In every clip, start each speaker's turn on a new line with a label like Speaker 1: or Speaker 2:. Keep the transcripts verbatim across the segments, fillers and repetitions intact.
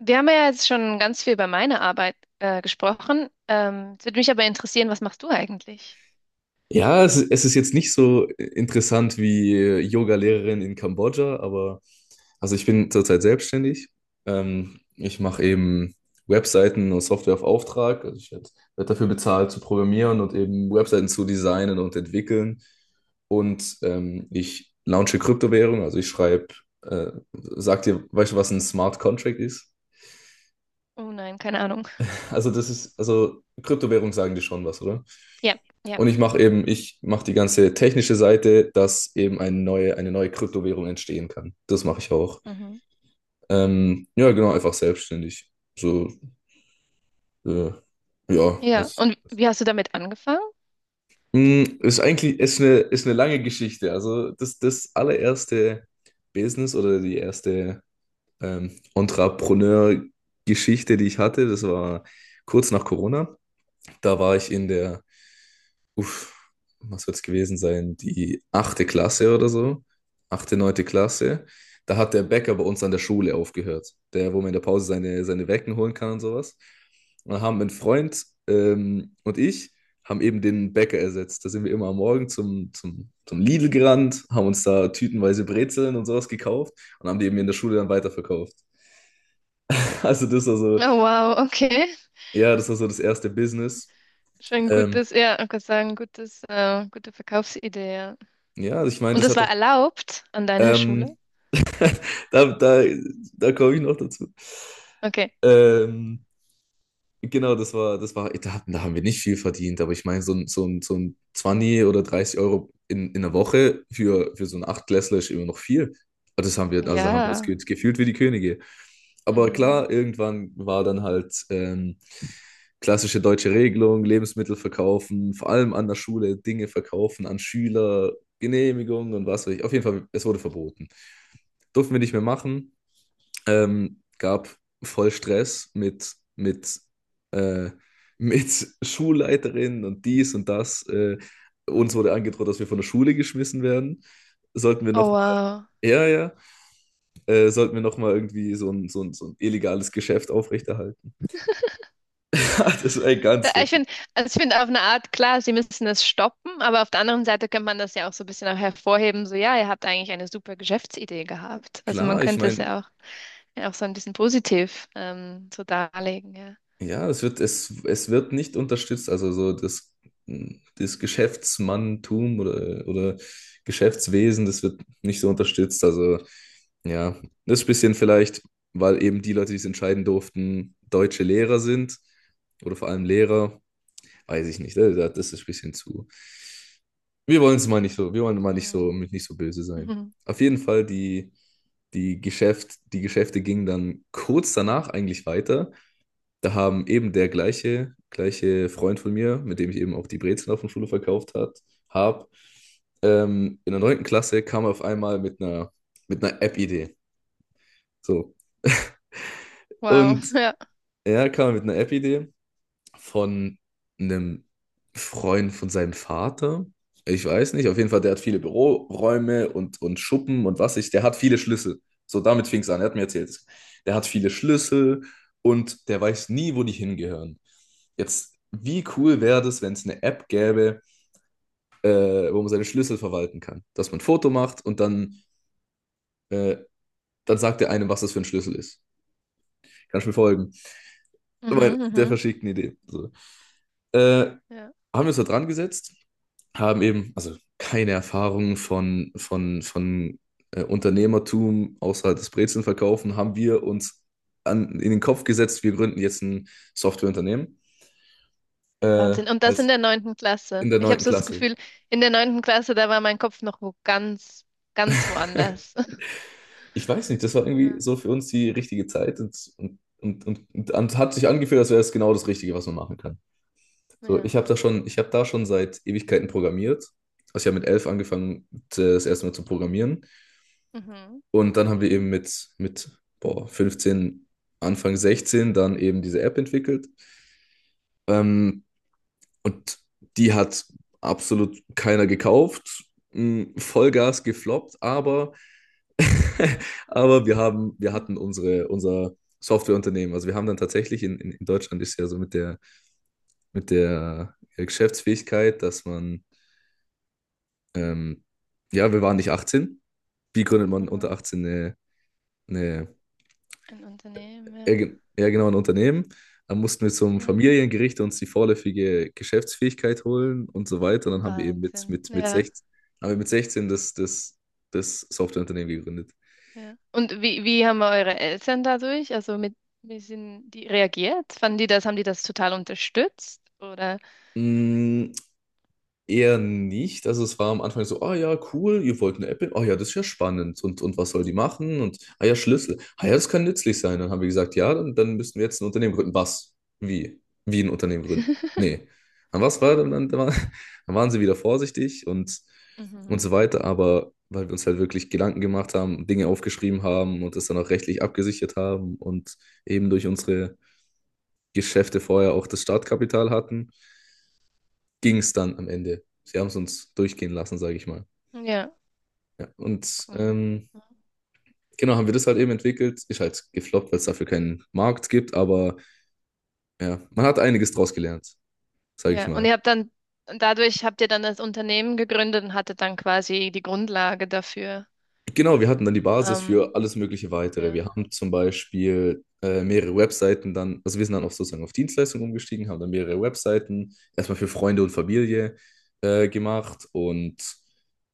Speaker 1: Wir haben ja jetzt schon ganz viel über meine Arbeit äh, gesprochen. Ähm, es würde mich aber interessieren, was machst du eigentlich?
Speaker 2: Ja, es, ist- es ist jetzt nicht so interessant wie äh, Yoga-Lehrerin in Kambodscha, aber also ich bin zurzeit selbstständig. Ähm, ich mache eben Webseiten und Software auf Auftrag. Also ich werde werd werd dafür bezahlt zu programmieren und eben Webseiten zu designen und entwickeln. Und ähm, ich launche Kryptowährung, also ich schreibe, äh, sag dir, weißt du, was ein Smart Contract ist?
Speaker 1: Oh nein, keine Ahnung.
Speaker 2: Also das ist, also Kryptowährung sagen dir schon was, oder?
Speaker 1: Ja, ja.
Speaker 2: Und ich mache eben, ich mache die ganze technische Seite, dass eben eine neue, eine neue Kryptowährung entstehen kann. Das mache ich auch.
Speaker 1: Mhm.
Speaker 2: Ähm, ja, genau, einfach selbstständig. So, äh, ja,
Speaker 1: Ja,
Speaker 2: als,
Speaker 1: und wie hast du damit angefangen?
Speaker 2: Mm, ist eigentlich ist eine, ist eine lange Geschichte. Also das, das allererste Business oder die erste ähm, Entrepreneur-Geschichte, die ich hatte, das war kurz nach Corona. Da war ich in der, uff, was wird es gewesen sein? Die achte Klasse oder so. Achte, neunte Klasse. Da hat der Bäcker bei uns an der Schule aufgehört. Der, wo man in der Pause seine, seine Wecken holen kann und sowas. Und dann haben mein Freund ähm, und ich haben eben den Bäcker ersetzt. Da sind wir immer am Morgen zum, zum, zum Lidl gerannt, haben uns da tütenweise Brezeln und sowas gekauft und haben die eben in
Speaker 1: Mhm.
Speaker 2: der Schule dann weiterverkauft. Also das war so,
Speaker 1: Oh wow, okay.
Speaker 2: ja, das war so das erste Business.
Speaker 1: Schon
Speaker 2: Ähm,
Speaker 1: gutes, ja, ich kann sagen, gutes, äh, gute Verkaufsidee. Ja.
Speaker 2: ja, also ich meine,
Speaker 1: Und
Speaker 2: das
Speaker 1: das
Speaker 2: hat
Speaker 1: war
Speaker 2: doch,
Speaker 1: erlaubt an deiner Schule?
Speaker 2: ähm, Da, da, da komme ich noch dazu.
Speaker 1: Okay.
Speaker 2: Ähm, genau, das war, das war, da, hatten- da haben wir nicht viel verdient, aber ich meine, so ein, so ein, so ein zwanzig oder dreißig Euro in, in der Woche für, für so einen Achtklässler ist immer noch viel. Aber Das haben wir, also da haben wir uns
Speaker 1: Ja.
Speaker 2: ge- gefühlt wie die Könige. Aber
Speaker 1: Mhm.
Speaker 2: klar, irgendwann war dann halt ähm, klassische deutsche Regelung: Lebensmittel verkaufen, vor allem an der Schule Dinge verkaufen, an Schüler, Genehmigungen und was weiß ich. Auf jeden Fall, es wurde verboten. Durften wir nicht mehr machen. Ähm, gab voll Stress mit, mit, äh, mit Schulleiterin und dies und das. Äh, uns wurde
Speaker 1: Mhm.
Speaker 2: angedroht, dass wir von der Schule geschmissen werden. Sollten wir
Speaker 1: Oh
Speaker 2: nochmal,
Speaker 1: wow.
Speaker 2: ja, ja, äh, sollten wir nochmal irgendwie so ein, so ein, so ein illegales Geschäft aufrechterhalten. Das ist ein ganz
Speaker 1: Da- Ich
Speaker 2: verschieden.
Speaker 1: finde, also ich finde auf eine Art, klar, sie müssen das stoppen, aber auf der anderen Seite könnte man das ja auch so ein bisschen auch hervorheben, so ja, ihr habt eigentlich eine super Geschäftsidee gehabt. Also man
Speaker 2: Klar, ich
Speaker 1: könnte es
Speaker 2: meine,
Speaker 1: ja auch, ja auch so ein bisschen positiv ähm, so darlegen, ja.
Speaker 2: ja, es wird, es, es wird nicht unterstützt. Also so das, hm, das Geschäftsmanntum oder, oder Geschäftswesen, das wird nicht so unterstützt. Also ja, das ist ein bisschen vielleicht, weil eben die Leute, die es entscheiden durften, deutsche Lehrer sind oder vor allem Lehrer. Weiß ich nicht. äh, da- Das ist ein bisschen zu. Wir wollen es mal nicht so, wir wollen mal nicht so,
Speaker 1: Hm.
Speaker 2: nicht so böse sein.
Speaker 1: Mhm.
Speaker 2: Auf jeden Fall, die, die Geschäft, die Geschäfte gingen dann kurz danach eigentlich weiter. Da haben eben der gleiche, gleiche Freund von mir, mit dem ich eben auch die Brezeln auf der Schule verkauft hat, hab, ähm, in der neunten Klasse kam er auf einmal mit einer, mit einer, App-Idee. So.
Speaker 1: Wow,
Speaker 2: Und
Speaker 1: ja.
Speaker 2: ja, kam er mit einer App-Idee von einem Freund von seinem Vater. Ich weiß nicht, auf jeden Fall, der hat viele Büroräume und, und Schuppen und was ich, der hat viele Schlüssel. So, damit fing es an, er hat mir erzählt, der hat viele Schlüssel und der weiß nie, wo die hingehören. Jetzt, wie cool wäre das, wenn es eine App gäbe, äh, wo man seine Schlüssel verwalten kann? Dass man ein Foto macht und dann, äh, dann sagt er einem, was das für ein Schlüssel ist. Kannst du mir folgen? Weil
Speaker 1: Mhm,
Speaker 2: der
Speaker 1: mhm.
Speaker 2: verschickt eine Idee. So. Äh, Haben
Speaker 1: Ja.
Speaker 2: wir uns da dran gesetzt, haben eben also keine Erfahrung von, von, von äh, Unternehmertum außer das Brezelnverkaufen, haben wir uns an, in den Kopf gesetzt, wir gründen jetzt ein Softwareunternehmen, äh,
Speaker 1: Wahnsinn. Und das in
Speaker 2: als
Speaker 1: der neunten
Speaker 2: in
Speaker 1: Klasse.
Speaker 2: der
Speaker 1: Ich habe
Speaker 2: neunten
Speaker 1: so das
Speaker 2: Klasse.
Speaker 1: Gefühl, in der neunten Klasse, da war mein Kopf noch wo ganz, ganz woanders.
Speaker 2: Ich weiß nicht, das war irgendwie so
Speaker 1: Ja.
Speaker 2: für uns die richtige Zeit und, und, und, und, und hat sich angefühlt, als wäre es genau das Richtige, was man machen kann. So,
Speaker 1: Ja.
Speaker 2: ich habe da schon, ich habe da schon seit Ewigkeiten programmiert. Also ich habe mit elf angefangen, das erste Mal zu programmieren.
Speaker 1: Mhm.
Speaker 2: Und dann haben wir eben mit, mit boah, fünfzehn, Anfang sechzehn dann eben diese App entwickelt. Ähm, und die hat absolut keiner gekauft. Mm, Vollgas gefloppt, aber, aber wir haben, wir
Speaker 1: Mhm.
Speaker 2: hatten unsere, unser Softwareunternehmen. Also wir haben dann tatsächlich in, in in Deutschland ist ja so mit der, mit der Geschäftsfähigkeit, dass man, ähm, ja, wir waren nicht achtzehn. Wie gründet man unter
Speaker 1: Mhm.
Speaker 2: achtzehn eine, eine
Speaker 1: Ein Unternehmen,
Speaker 2: ja,
Speaker 1: ja.
Speaker 2: ge- ja, genau, ein Unternehmen. Dann mussten wir zum
Speaker 1: Ja.
Speaker 2: Familiengericht uns die vorläufige Geschäftsfähigkeit holen und so weiter. Und dann haben wir eben mit,
Speaker 1: Wahnsinn.
Speaker 2: mit, mit
Speaker 1: Ja.
Speaker 2: sechzehn haben wir mit sechzehn das, das, das Softwareunternehmen gegründet.
Speaker 1: Ja. Und wie, wie haben eure Eltern dadurch, also mit, wie sind die reagiert? Fanden die das, haben die das total unterstützt? Oder?
Speaker 2: Mm, Eher nicht. Also es war am Anfang so, ah ja, cool, ihr wollt eine App, in- ah ja, das ist ja spannend. Und, und was soll die machen? Und ah ja, Schlüssel. Ah ja, das kann nützlich sein. Dann haben wir gesagt, ja, dann, dann müssen wir jetzt ein Unternehmen gründen. Was? Wie? Wie ein Unternehmen gründen? Nee. Dann was war dann, dann, war- Dann waren sie wieder vorsichtig und, und
Speaker 1: Mhm.
Speaker 2: so weiter, aber weil wir uns halt wirklich Gedanken gemacht haben, Dinge aufgeschrieben haben und das dann auch rechtlich abgesichert haben und eben durch unsere Geschäfte vorher auch das Startkapital hatten, ging es dann am Ende. Sie haben es uns durchgehen lassen, sage ich mal.
Speaker 1: Ja,
Speaker 2: Ja, und
Speaker 1: cool.
Speaker 2: ähm, genau, haben wir das halt eben entwickelt. Ist halt gefloppt, weil es dafür keinen Markt gibt, aber ja, man hat einiges draus gelernt, sage ich
Speaker 1: Ja, und
Speaker 2: mal.
Speaker 1: ihr habt dann, dadurch habt ihr dann das Unternehmen gegründet und hattet dann quasi die Grundlage dafür.
Speaker 2: Genau, wir hatten dann die Basis
Speaker 1: Ähm,
Speaker 2: für alles mögliche Weitere.
Speaker 1: ja.
Speaker 2: Wir haben zum Beispiel äh, mehrere Webseiten dann, also wir sind dann auch sozusagen auf Dienstleistungen umgestiegen, haben dann mehrere Webseiten erstmal für Freunde und Familie äh, gemacht und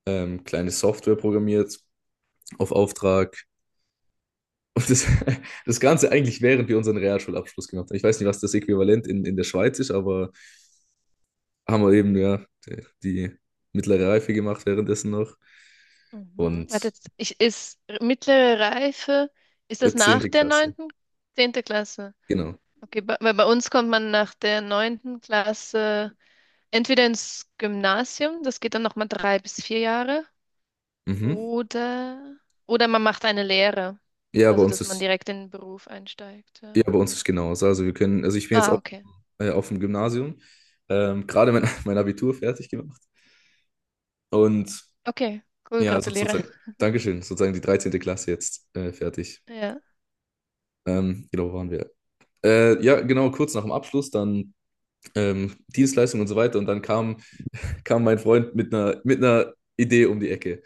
Speaker 2: ähm, kleine Software programmiert auf Auftrag. Und das, das Ganze eigentlich, während wir unseren Realschulabschluss gemacht haben. Ich weiß nicht, was das Äquivalent in, in der Schweiz ist, aber haben wir eben ja die, die mittlere Reife gemacht währenddessen noch.
Speaker 1: Mhm. Hat
Speaker 2: Und
Speaker 1: jetzt, ich, ist mittlere Reife, ist
Speaker 2: äh,
Speaker 1: das nach
Speaker 2: zehnte.
Speaker 1: der
Speaker 2: Klasse,
Speaker 1: neunten, zehnte Klasse?
Speaker 2: genau.
Speaker 1: Okay, bei, weil bei uns kommt man nach der neunten Klasse entweder ins Gymnasium, das geht dann nochmal drei bis vier Jahre,
Speaker 2: Mhm.
Speaker 1: oder, oder man macht eine Lehre,
Speaker 2: Ja, bei
Speaker 1: also
Speaker 2: uns
Speaker 1: dass man
Speaker 2: ist,
Speaker 1: direkt in den Beruf einsteigt.
Speaker 2: ja,
Speaker 1: Ja.
Speaker 2: bei uns ist genauso. Also wir können, also ich bin jetzt
Speaker 1: Ah,
Speaker 2: auch
Speaker 1: okay.
Speaker 2: äh, auf dem Gymnasium, ähm, gerade mein, mein Abitur fertig gemacht. Und
Speaker 1: Okay, cool,
Speaker 2: ja, also
Speaker 1: gratuliere.
Speaker 2: sozusagen, Dankeschön, sozusagen die dreizehnte Klasse jetzt äh, fertig.
Speaker 1: Ja.
Speaker 2: Ähm, genau, wo waren wir? Äh, ja, genau, kurz nach dem Abschluss, dann ähm, Dienstleistung und so weiter. Und dann kam, kam mein Freund mit einer, mit einer, Idee um die Ecke.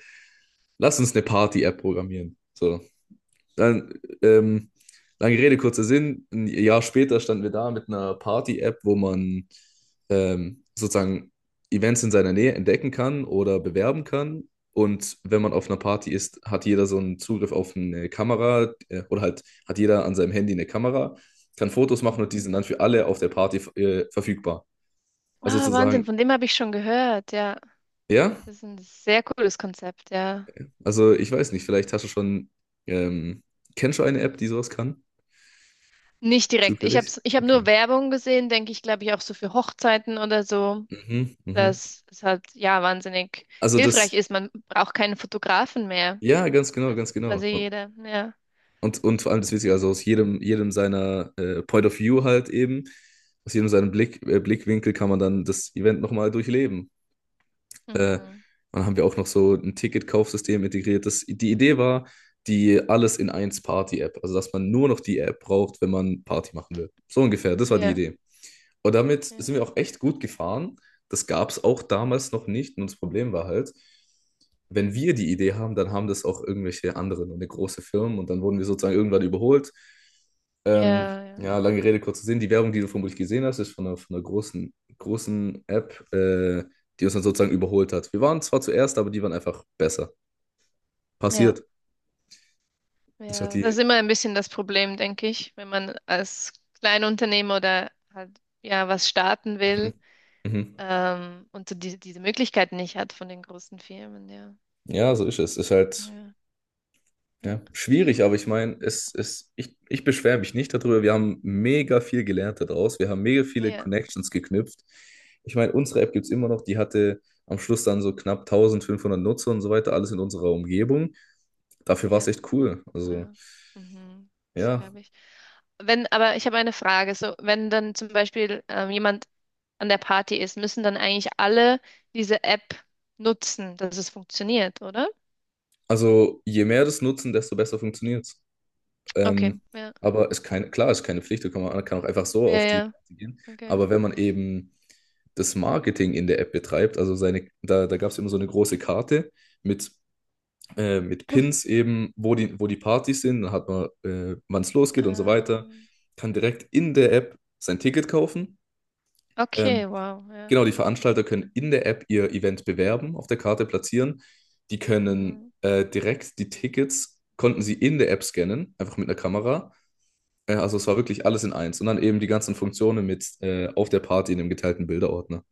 Speaker 2: Lass uns eine Party-App programmieren. So, dann, ähm, lange Rede, kurzer Sinn. Ein Jahr später standen wir da mit einer Party-App, wo man ähm, sozusagen Events in seiner Nähe entdecken kann oder bewerben kann. Und wenn man auf einer Party ist, hat jeder so einen Zugriff auf eine Kamera, äh, oder halt hat jeder an seinem Handy eine Kamera, kann Fotos machen und die
Speaker 1: Mhm.
Speaker 2: sind dann für alle auf der Party äh, verfügbar. Also
Speaker 1: Ah, Wahnsinn,
Speaker 2: sozusagen,
Speaker 1: von dem habe ich schon gehört, ja.
Speaker 2: ja,
Speaker 1: Das ist ein sehr cooles Konzept, ja.
Speaker 2: also ich weiß nicht, vielleicht hast du schon, ähm, kennst du eine App, die sowas kann?
Speaker 1: Nicht direkt. Ich habe
Speaker 2: Zufällig?
Speaker 1: ich hab nur
Speaker 2: Okay.
Speaker 1: Werbung gesehen, denke ich, glaube ich, auch so für Hochzeiten oder so,
Speaker 2: Mhm, mhm.
Speaker 1: dass es halt, ja, wahnsinnig
Speaker 2: Also
Speaker 1: hilfreich
Speaker 2: das,
Speaker 1: ist. Man braucht keinen Fotografen mehr.
Speaker 2: ja, ganz genau,
Speaker 1: Das
Speaker 2: ganz
Speaker 1: ist
Speaker 2: genau.
Speaker 1: quasi jeder, ja.
Speaker 2: Und, und vor allem das Witzige, also aus jedem, jedem seiner äh, Point of View halt eben, aus jedem seinem Blick, äh, Blickwinkel kann man dann das Event nochmal durchleben. Äh, und
Speaker 1: Mhm.
Speaker 2: dann haben wir auch noch so ein Ticketkaufsystem integriert. Das, die Idee war die alles in eins Party-App, also dass man nur noch die App braucht, wenn man Party machen will. So ungefähr, das war die
Speaker 1: Ja,
Speaker 2: Idee. Und damit
Speaker 1: ja,
Speaker 2: sind wir auch echt gut gefahren. Das gab es auch damals noch nicht. Und das Problem war halt, wenn wir die Idee haben, dann haben das auch irgendwelche anderen und eine große Firmen. Und dann wurden wir sozusagen irgendwann überholt. Ähm,
Speaker 1: ja, ja,
Speaker 2: ja, lange Rede, kurzer Sinn. Die Werbung, die du vermutlich gesehen hast, ist von einer, von einer großen, großen App, äh, die uns dann sozusagen überholt hat. Wir waren zwar zuerst, aber die waren einfach besser.
Speaker 1: ja,
Speaker 2: Passiert. Das hat
Speaker 1: ja. Das ist
Speaker 2: die.
Speaker 1: immer ein bisschen das Problem, denke ich, wenn man als Kleinunternehmer oder halt ja was starten will
Speaker 2: Mhm. Mhm.
Speaker 1: ähm, und so diese, diese Möglichkeit nicht hat von den großen Firmen. Ja,
Speaker 2: Ja, so ist es. Ist halt,
Speaker 1: ja, ja,
Speaker 2: ja, schwierig, aber ich meine, es, es, ich, ich beschwere mich nicht darüber. Wir haben mega viel gelernt daraus. Wir haben mega viele
Speaker 1: ja,
Speaker 2: Connections geknüpft. Ich meine, unsere App gibt es immer noch. Die hatte am Schluss dann so knapp eintausendfünfhundert Nutzer und so weiter, alles in unserer Umgebung. Dafür war es
Speaker 1: ja,
Speaker 2: echt cool. Also,
Speaker 1: ja. Mhm. Das
Speaker 2: ja,
Speaker 1: glaube ich. Wenn, aber ich habe eine Frage. So, wenn dann zum Beispiel ähm, jemand an der Party ist, müssen dann eigentlich alle diese App nutzen, dass es funktioniert, oder?
Speaker 2: also je mehr das nutzen, desto besser funktioniert.
Speaker 1: Okay.
Speaker 2: Ähm, aber ist keine, klar, ist keine Pflicht, da kann man kann auch einfach so
Speaker 1: Ja,
Speaker 2: auf die
Speaker 1: ja,
Speaker 2: Party gehen.
Speaker 1: okay.
Speaker 2: Aber wenn man eben das Marketing in der App betreibt, also seine, da, da gab es immer so eine große Karte mit, äh, mit Pins eben, wo die, wo die Partys sind, dann hat man, äh, wann es losgeht und so weiter,
Speaker 1: Ähm,
Speaker 2: kann direkt in der App sein Ticket kaufen.
Speaker 1: okay,
Speaker 2: Ähm,
Speaker 1: wow, ja.
Speaker 2: genau, die Veranstalter können in der App ihr Event bewerben, auf der Karte platzieren. Die können
Speaker 1: Mhm,
Speaker 2: äh, direkt die Tickets, konnten sie in der App scannen, einfach mit einer Kamera, ja, also es war
Speaker 1: mhm.
Speaker 2: wirklich alles in eins. Und dann eben die ganzen Funktionen mit äh, auf der Party in dem geteilten Bilderordner.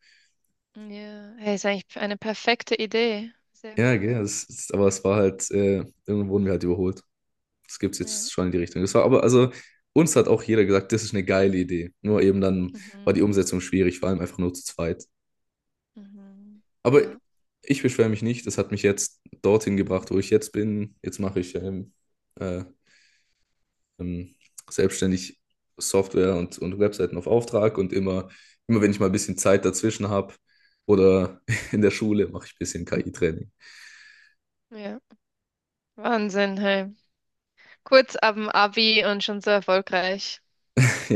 Speaker 1: Ja, hey, ist eigentlich eine perfekte Idee. Sehr
Speaker 2: Ja,
Speaker 1: cool,
Speaker 2: gell,
Speaker 1: ja.
Speaker 2: das ist, aber es war halt, äh, irgendwo wurden wir halt überholt. Das gibt es
Speaker 1: Ja.
Speaker 2: jetzt schon in die Richtung. Das war aber, also uns hat auch jeder gesagt, das ist eine geile Idee. Nur eben dann war die
Speaker 1: Mhm,
Speaker 2: Umsetzung schwierig, vor allem einfach nur zu zweit.
Speaker 1: mhm.
Speaker 2: Aber
Speaker 1: Ja.
Speaker 2: ich beschwere mich nicht, das hat mich jetzt dorthin
Speaker 1: Mhm.
Speaker 2: gebracht, wo ich jetzt bin. Jetzt mache ich ähm, äh, ähm, selbstständig Software und, und Webseiten auf Auftrag, und immer, immer wenn ich mal ein bisschen Zeit dazwischen habe oder in der Schule, mache ich ein bisschen K I-Training.
Speaker 1: Ja. Wahnsinn, hey. Kurz ab dem Abi und schon so erfolgreich.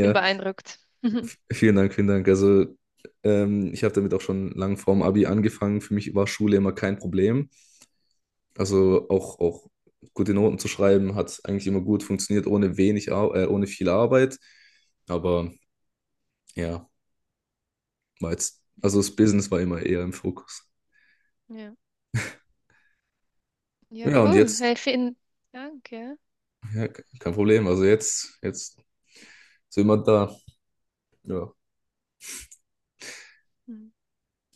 Speaker 1: Bin beeindruckt.
Speaker 2: v- vielen Dank, vielen Dank. Also ähm, ich habe damit auch schon lang vorm Abi angefangen. Für mich war Schule immer kein Problem.
Speaker 1: Mhm.
Speaker 2: Also auch, auch gute Noten zu schreiben hat eigentlich immer gut funktioniert, ohne wenig, Ar äh, ohne viel Arbeit. Aber ja, war jetzt, also
Speaker 1: Mhm.
Speaker 2: das Business war immer eher im Fokus.
Speaker 1: Ja. Ja,
Speaker 2: Ja, und
Speaker 1: cool.
Speaker 2: jetzt,
Speaker 1: Hey, vielen Dank, ja.
Speaker 2: ja, kein Problem. Also jetzt, jetzt sind wir da. Ja.
Speaker 1: Mhm.